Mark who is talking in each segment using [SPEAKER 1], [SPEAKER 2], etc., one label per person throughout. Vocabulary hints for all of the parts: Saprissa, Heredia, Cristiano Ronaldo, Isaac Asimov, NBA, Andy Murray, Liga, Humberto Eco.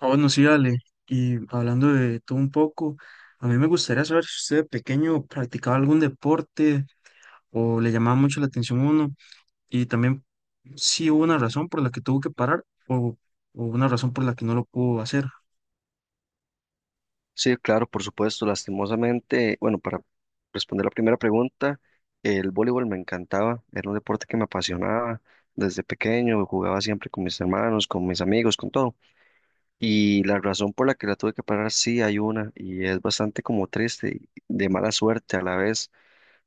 [SPEAKER 1] Ah, bueno, sí, Ale. Y hablando de todo un poco, a mí me gustaría saber si usted de pequeño practicaba algún deporte o le llamaba mucho la atención uno y también si hubo una razón por la que tuvo que parar o una razón por la que no lo pudo hacer.
[SPEAKER 2] Sí, claro, por supuesto, lastimosamente, bueno, para responder la primera pregunta, el voleibol me encantaba, era un deporte que me apasionaba desde pequeño, jugaba siempre con mis hermanos, con mis amigos, con todo. Y la razón por la que la tuve que parar, sí hay una, y es bastante como triste, y de mala suerte a la vez,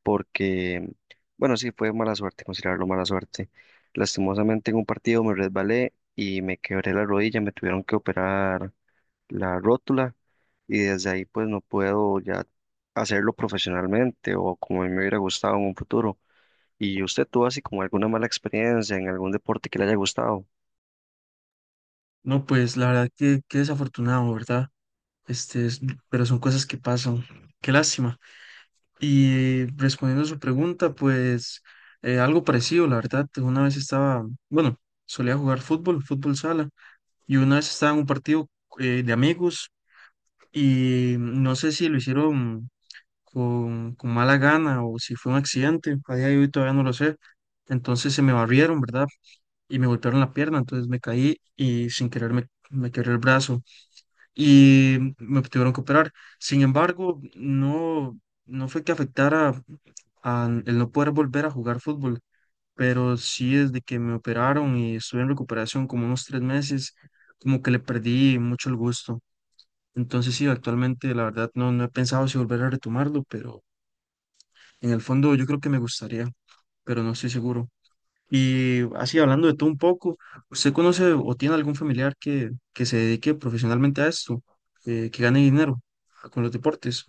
[SPEAKER 2] porque, bueno, sí, fue mala suerte, considerarlo mala suerte. Lastimosamente en un partido me resbalé y me quebré la rodilla, me tuvieron que operar la rótula y desde ahí pues no puedo ya hacerlo profesionalmente o como a mí me hubiera gustado en un futuro. ¿Y usted tuvo así como alguna mala experiencia en algún deporte que le haya gustado?
[SPEAKER 1] No, pues la verdad que qué desafortunado, ¿verdad? Este, pero son cosas que pasan. Qué lástima. Y respondiendo a su pregunta, pues algo parecido, la verdad. Una vez estaba, bueno, solía jugar fútbol, fútbol sala. Y una vez estaba en un partido de amigos y no sé si lo hicieron con mala gana o si fue un accidente, a día de hoy todavía no lo sé. Entonces se me barrieron, ¿verdad? Y me golpearon la pierna, entonces me caí y sin querer me quebré el brazo y me tuvieron que operar. Sin embargo, no, no fue que afectara a el no poder volver a jugar fútbol, pero sí desde que me operaron y estuve en recuperación como unos 3 meses, como que le perdí mucho el gusto. Entonces sí, actualmente la verdad no, no he pensado si volver a retomarlo, pero en el fondo yo creo que me gustaría, pero no estoy seguro. Y así hablando de todo un poco, ¿usted conoce o tiene algún familiar que se dedique profesionalmente a esto, que gane dinero con los deportes?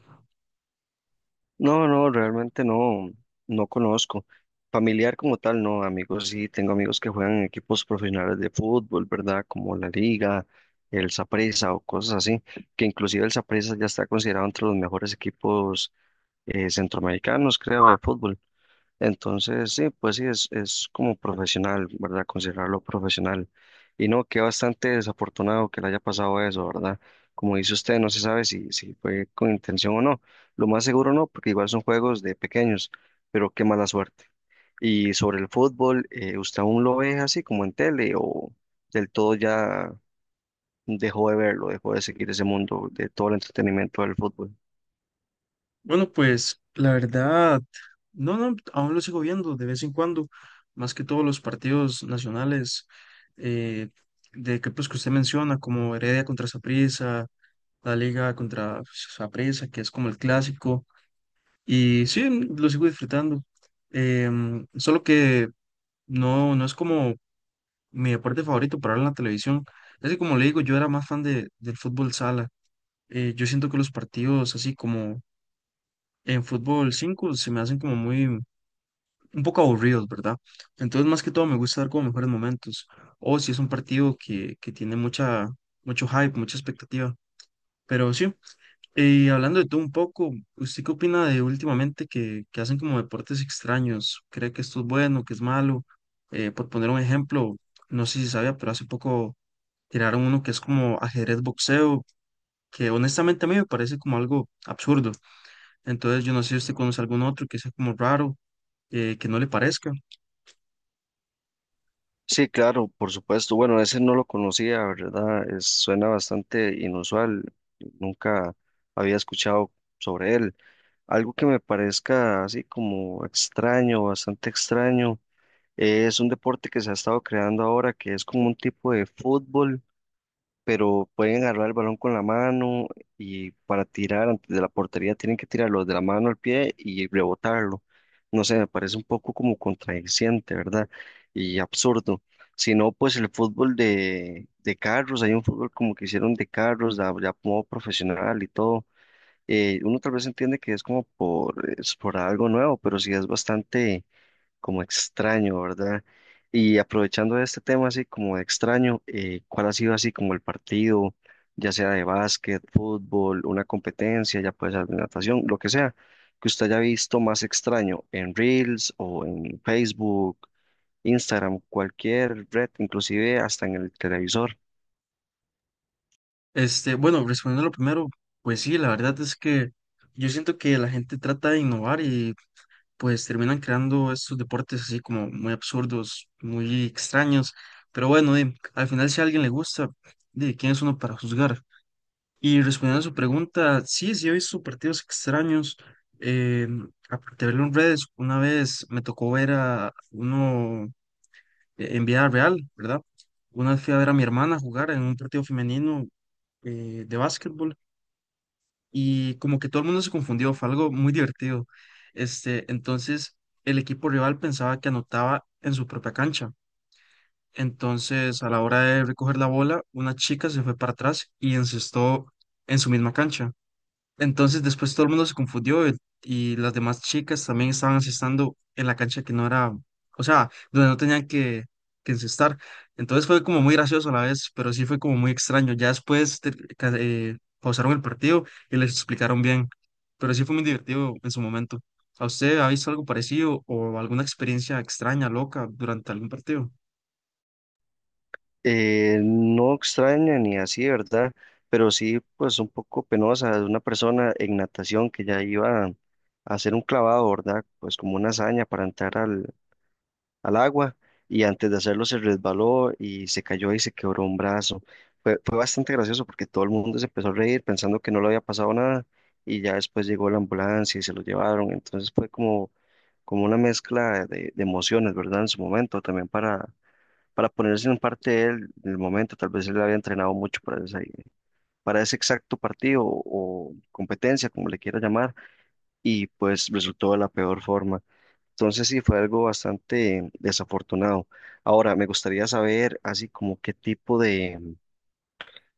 [SPEAKER 2] No, no, realmente no, no conozco. Familiar como tal, no, amigos, sí, tengo amigos que juegan en equipos profesionales de fútbol, ¿verdad? Como la Liga, el Saprissa o cosas así, que inclusive el Saprissa ya está considerado entre los mejores equipos centroamericanos, creo, de fútbol. Entonces, sí, pues sí, es como profesional, ¿verdad? Considerarlo profesional. Y no, que bastante desafortunado que le haya pasado eso, ¿verdad? Como dice usted, no se sabe si, si fue con intención o no. Lo más seguro no, porque igual son juegos de pequeños, pero qué mala suerte. Y sobre el fútbol, ¿usted aún lo ve así como en tele o del todo ya dejó de verlo, dejó de seguir ese mundo de todo el entretenimiento del fútbol?
[SPEAKER 1] Bueno, pues la verdad, no, no, aún lo sigo viendo de vez en cuando, más que todos los partidos nacionales, eh, de equipos que usted menciona, como Heredia contra Saprissa, la Liga contra Saprissa, que es como el clásico, y sí, lo sigo disfrutando. Solo que no, no es como mi deporte favorito para ver en la televisión. Así como le digo, yo era más fan del fútbol sala. Yo siento que los partidos así como en fútbol 5 se me hacen como muy, un poco aburridos, ¿verdad? Entonces, más que todo, me gusta dar como mejores momentos. O si es un partido que tiene mucha, mucho hype, mucha expectativa. Pero sí, y hablando de todo un poco, ¿usted qué opina de últimamente que hacen como deportes extraños? ¿Cree que esto es bueno, que es malo? Por poner un ejemplo, no sé si sabía, pero hace poco tiraron uno que es como ajedrez boxeo, que honestamente a mí me parece como algo absurdo. Entonces, yo no sé si usted conoce algún otro que sea como raro, que no le parezca.
[SPEAKER 2] Sí, claro, por supuesto. Bueno, ese no lo conocía, ¿verdad? Es- suena bastante inusual. Nunca había escuchado sobre él. Algo que me parezca así como extraño, bastante extraño, es un deporte que se ha estado creando ahora que es como un tipo de fútbol pero pueden agarrar el balón con la mano y para tirar antes de la portería tienen que tirarlo de la mano al pie y rebotarlo. No sé, me parece un poco como contradiciente, ¿verdad? Y absurdo. Si no, pues el fútbol de carros, hay un fútbol como que hicieron de carros, ya, ya como profesional y todo. Uno tal vez entiende que es como por, es por algo nuevo, pero sí es bastante como extraño, ¿verdad? Y aprovechando de este tema así como de extraño, ¿cuál ha sido así como el partido, ya sea de básquet, fútbol, una competencia, ya puede ser de natación, lo que sea, que usted haya visto más extraño en Reels o en Facebook, Instagram, cualquier red, inclusive hasta en el televisor?
[SPEAKER 1] Este, bueno, respondiendo a lo primero, pues sí, la verdad es que yo siento que la gente trata de innovar y pues terminan creando estos deportes así como muy absurdos, muy extraños, pero bueno, di, al final si a alguien le gusta, de quién es uno para juzgar. Y respondiendo a su pregunta, sí, sí he visto partidos extraños, eh, aparte de verlo en redes, una vez me tocó ver a uno en vida real, ¿verdad? Una vez fui a ver a mi hermana jugar en un partido femenino, de básquetbol, y como que todo el mundo se confundió, fue algo muy divertido. Este, entonces el equipo rival pensaba que anotaba en su propia cancha. Entonces, a la hora de recoger la bola, una chica se fue para atrás y encestó en su misma cancha. Entonces después todo el mundo se confundió, y las demás chicas también estaban asestando en la cancha que no era, o sea, donde no tenían que encestar. Entonces fue como muy gracioso a la vez, pero sí fue como muy extraño. Ya después pausaron el partido y les explicaron bien, pero sí fue muy divertido en su momento. ¿A usted ha visto algo parecido o alguna experiencia extraña, loca, durante algún partido?
[SPEAKER 2] No extraña ni así, ¿verdad? Pero sí, pues un poco penosa de una persona en natación que ya iba a hacer un clavado, ¿verdad? Pues como una hazaña para entrar al, al agua y antes de hacerlo se resbaló y se cayó y se quebró un brazo. Fue, fue bastante gracioso porque todo el mundo se empezó a reír pensando que no le había pasado nada y ya después llegó la ambulancia y se lo llevaron. Entonces fue como, como una mezcla de emociones, ¿verdad? En su momento también para ponerse en parte de él en el momento. Tal vez él había entrenado mucho para ese exacto partido o competencia, como le quiera llamar, y pues resultó de la peor forma. Entonces sí, fue algo bastante desafortunado. Ahora, me gustaría saber, así como qué tipo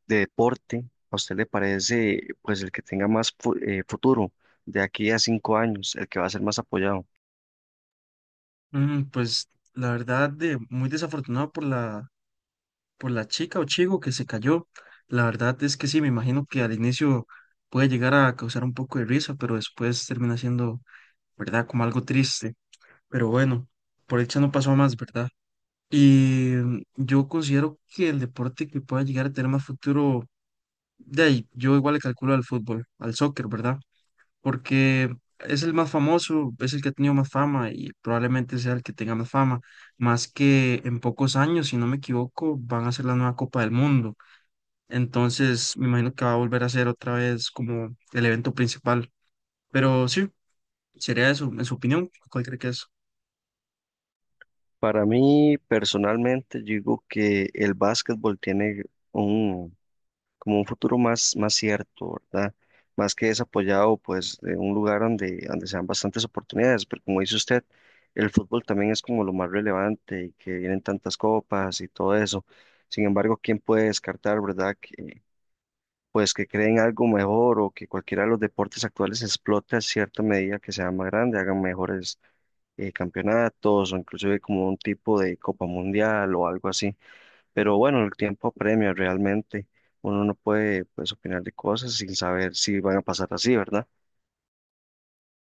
[SPEAKER 2] de deporte a usted le parece, pues el que tenga más futuro de aquí a 5 años, el que va a ser más apoyado.
[SPEAKER 1] Mm, pues la verdad, muy desafortunado por la chica o chico que se cayó. La verdad es que sí, me imagino que al inicio puede llegar a causar un poco de risa, pero después termina siendo, ¿verdad? Como algo triste. Pero bueno, por dicha no pasó a más, ¿verdad? Y yo considero que el deporte que pueda llegar a tener más futuro, de ahí, yo igual le calculo al fútbol, al soccer, ¿verdad? Porque es el más famoso, es el que ha tenido más fama y probablemente sea el que tenga más fama, más que en pocos años, si no me equivoco, van a ser la nueva Copa del Mundo. Entonces, me imagino que va a volver a ser otra vez como el evento principal. Pero sí, sería eso, en su opinión, ¿cuál cree que es?
[SPEAKER 2] Para mí, personalmente, yo digo que el básquetbol tiene un como un futuro más, más cierto, ¿verdad? Más que desapoyado, pues, de un lugar donde, donde sean bastantes oportunidades, pero como dice usted, el fútbol también es como lo más relevante y que vienen tantas copas y todo eso. Sin embargo, ¿quién puede descartar, verdad? Que, pues que creen algo mejor o que cualquiera de los deportes actuales explote a cierta medida que sea más grande, hagan mejores campeonatos o inclusive como un tipo de Copa Mundial o algo así. Pero bueno, el tiempo apremia realmente. Uno no puede pues opinar de cosas sin saber si van a pasar así, ¿verdad?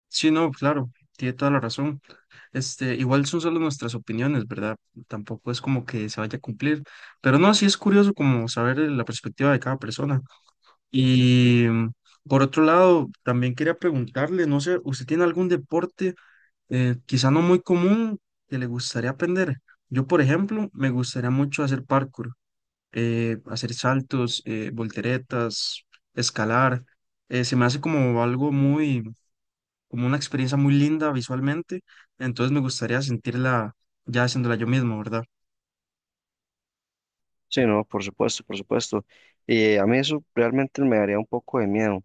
[SPEAKER 1] Sí, no, claro, tiene toda la razón. Este, igual son solo nuestras opiniones, ¿verdad? Tampoco es como que se vaya a cumplir. Pero no, sí es curioso como saber, la perspectiva de cada persona. Y por otro lado, también quería preguntarle, no sé, ¿usted tiene algún deporte, quizá no muy común, que le gustaría aprender? Yo, por ejemplo, me gustaría mucho hacer parkour, hacer saltos, volteretas, escalar. Se me hace como algo muy, como una experiencia muy linda visualmente, entonces me gustaría sentirla ya haciéndola yo mismo, ¿verdad?
[SPEAKER 2] Sí, no, por supuesto, por supuesto. A mí eso realmente me daría un poco de miedo.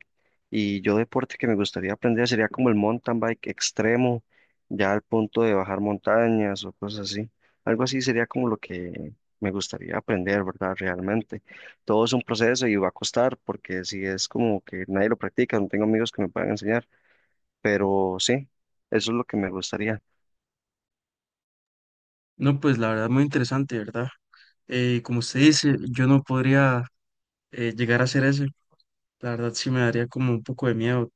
[SPEAKER 2] Y yo deporte que me gustaría aprender sería como el mountain bike extremo, ya al punto de bajar montañas o cosas así. Algo así sería como lo que me gustaría aprender, ¿verdad? Realmente. Todo es un proceso y va a costar porque si es como que nadie lo practica, no tengo amigos que me puedan enseñar. Pero sí, eso es lo que me gustaría.
[SPEAKER 1] No, pues la verdad, muy interesante, ¿verdad? Como usted dice, yo no podría, llegar a hacer eso, la verdad sí me daría como un poco de miedo,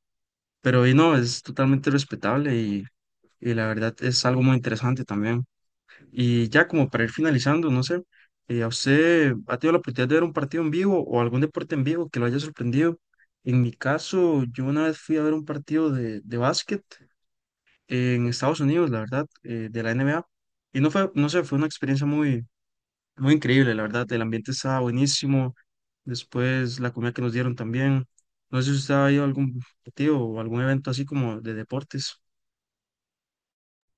[SPEAKER 1] pero y no, es totalmente respetable y la verdad es algo muy interesante también. Y ya como para ir finalizando, no sé, ¿a usted ha tenido la oportunidad de ver un partido en vivo o algún deporte en vivo que lo haya sorprendido? En mi caso, yo una vez fui a ver un partido de básquet en Estados Unidos, la verdad, de la NBA. Y no fue, no sé, fue una experiencia muy, muy increíble, la verdad. El ambiente estaba buenísimo. Después la comida que nos dieron también. No sé si usted ha ido a algún partido o algún evento así como de deportes.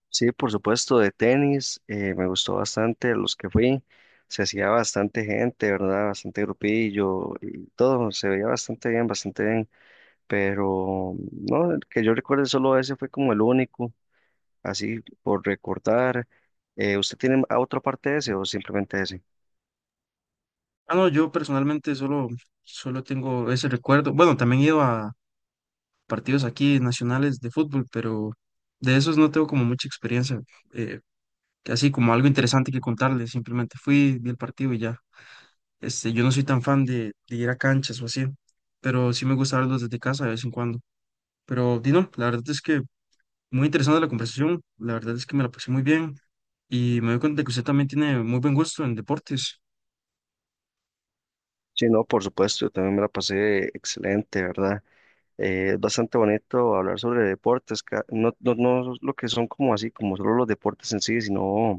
[SPEAKER 2] Sí, por supuesto, de tenis, me gustó bastante los que fui. Se hacía bastante gente, ¿verdad? Bastante grupillo y todo, se veía bastante bien, bastante bien. Pero no, el que yo recuerde solo ese fue como el único, así por recordar. ¿Usted tiene a otra parte de ese o simplemente ese?
[SPEAKER 1] Ah, no, yo personalmente solo tengo ese recuerdo. Bueno, también he ido a partidos aquí nacionales de fútbol, pero de esos no tengo como mucha experiencia, eh, así como algo interesante que contarles, simplemente fui, vi el partido y ya. Este, yo no soy tan fan de ir a canchas o así, pero sí me gusta verlos desde casa de vez en cuando. Pero Dino, la verdad es que muy interesante la conversación, la verdad es que me la pasé muy bien y me doy cuenta de que usted también tiene muy buen gusto en deportes.
[SPEAKER 2] Sí, no, por supuesto, yo también me la pasé excelente, ¿verdad? Es bastante bonito hablar sobre deportes, ca- no, no, no lo que son como así, como solo los deportes en sí, sino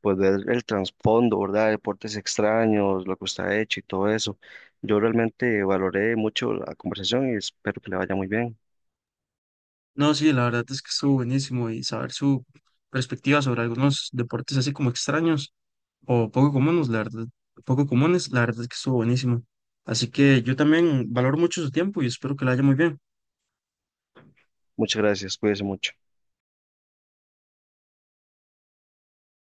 [SPEAKER 2] pues ver el trasfondo, ¿verdad? Deportes extraños, lo que está hecho y todo eso. Yo realmente valoré mucho la conversación y espero que le vaya muy bien.
[SPEAKER 1] No, sí, la verdad es que estuvo buenísimo y saber su perspectiva sobre algunos deportes así como extraños o poco comunes, la verdad, poco comunes, la verdad es que estuvo buenísimo. Así que yo también valoro mucho su tiempo y espero que la haya muy bien.
[SPEAKER 2] Muchas gracias, cuídese mucho.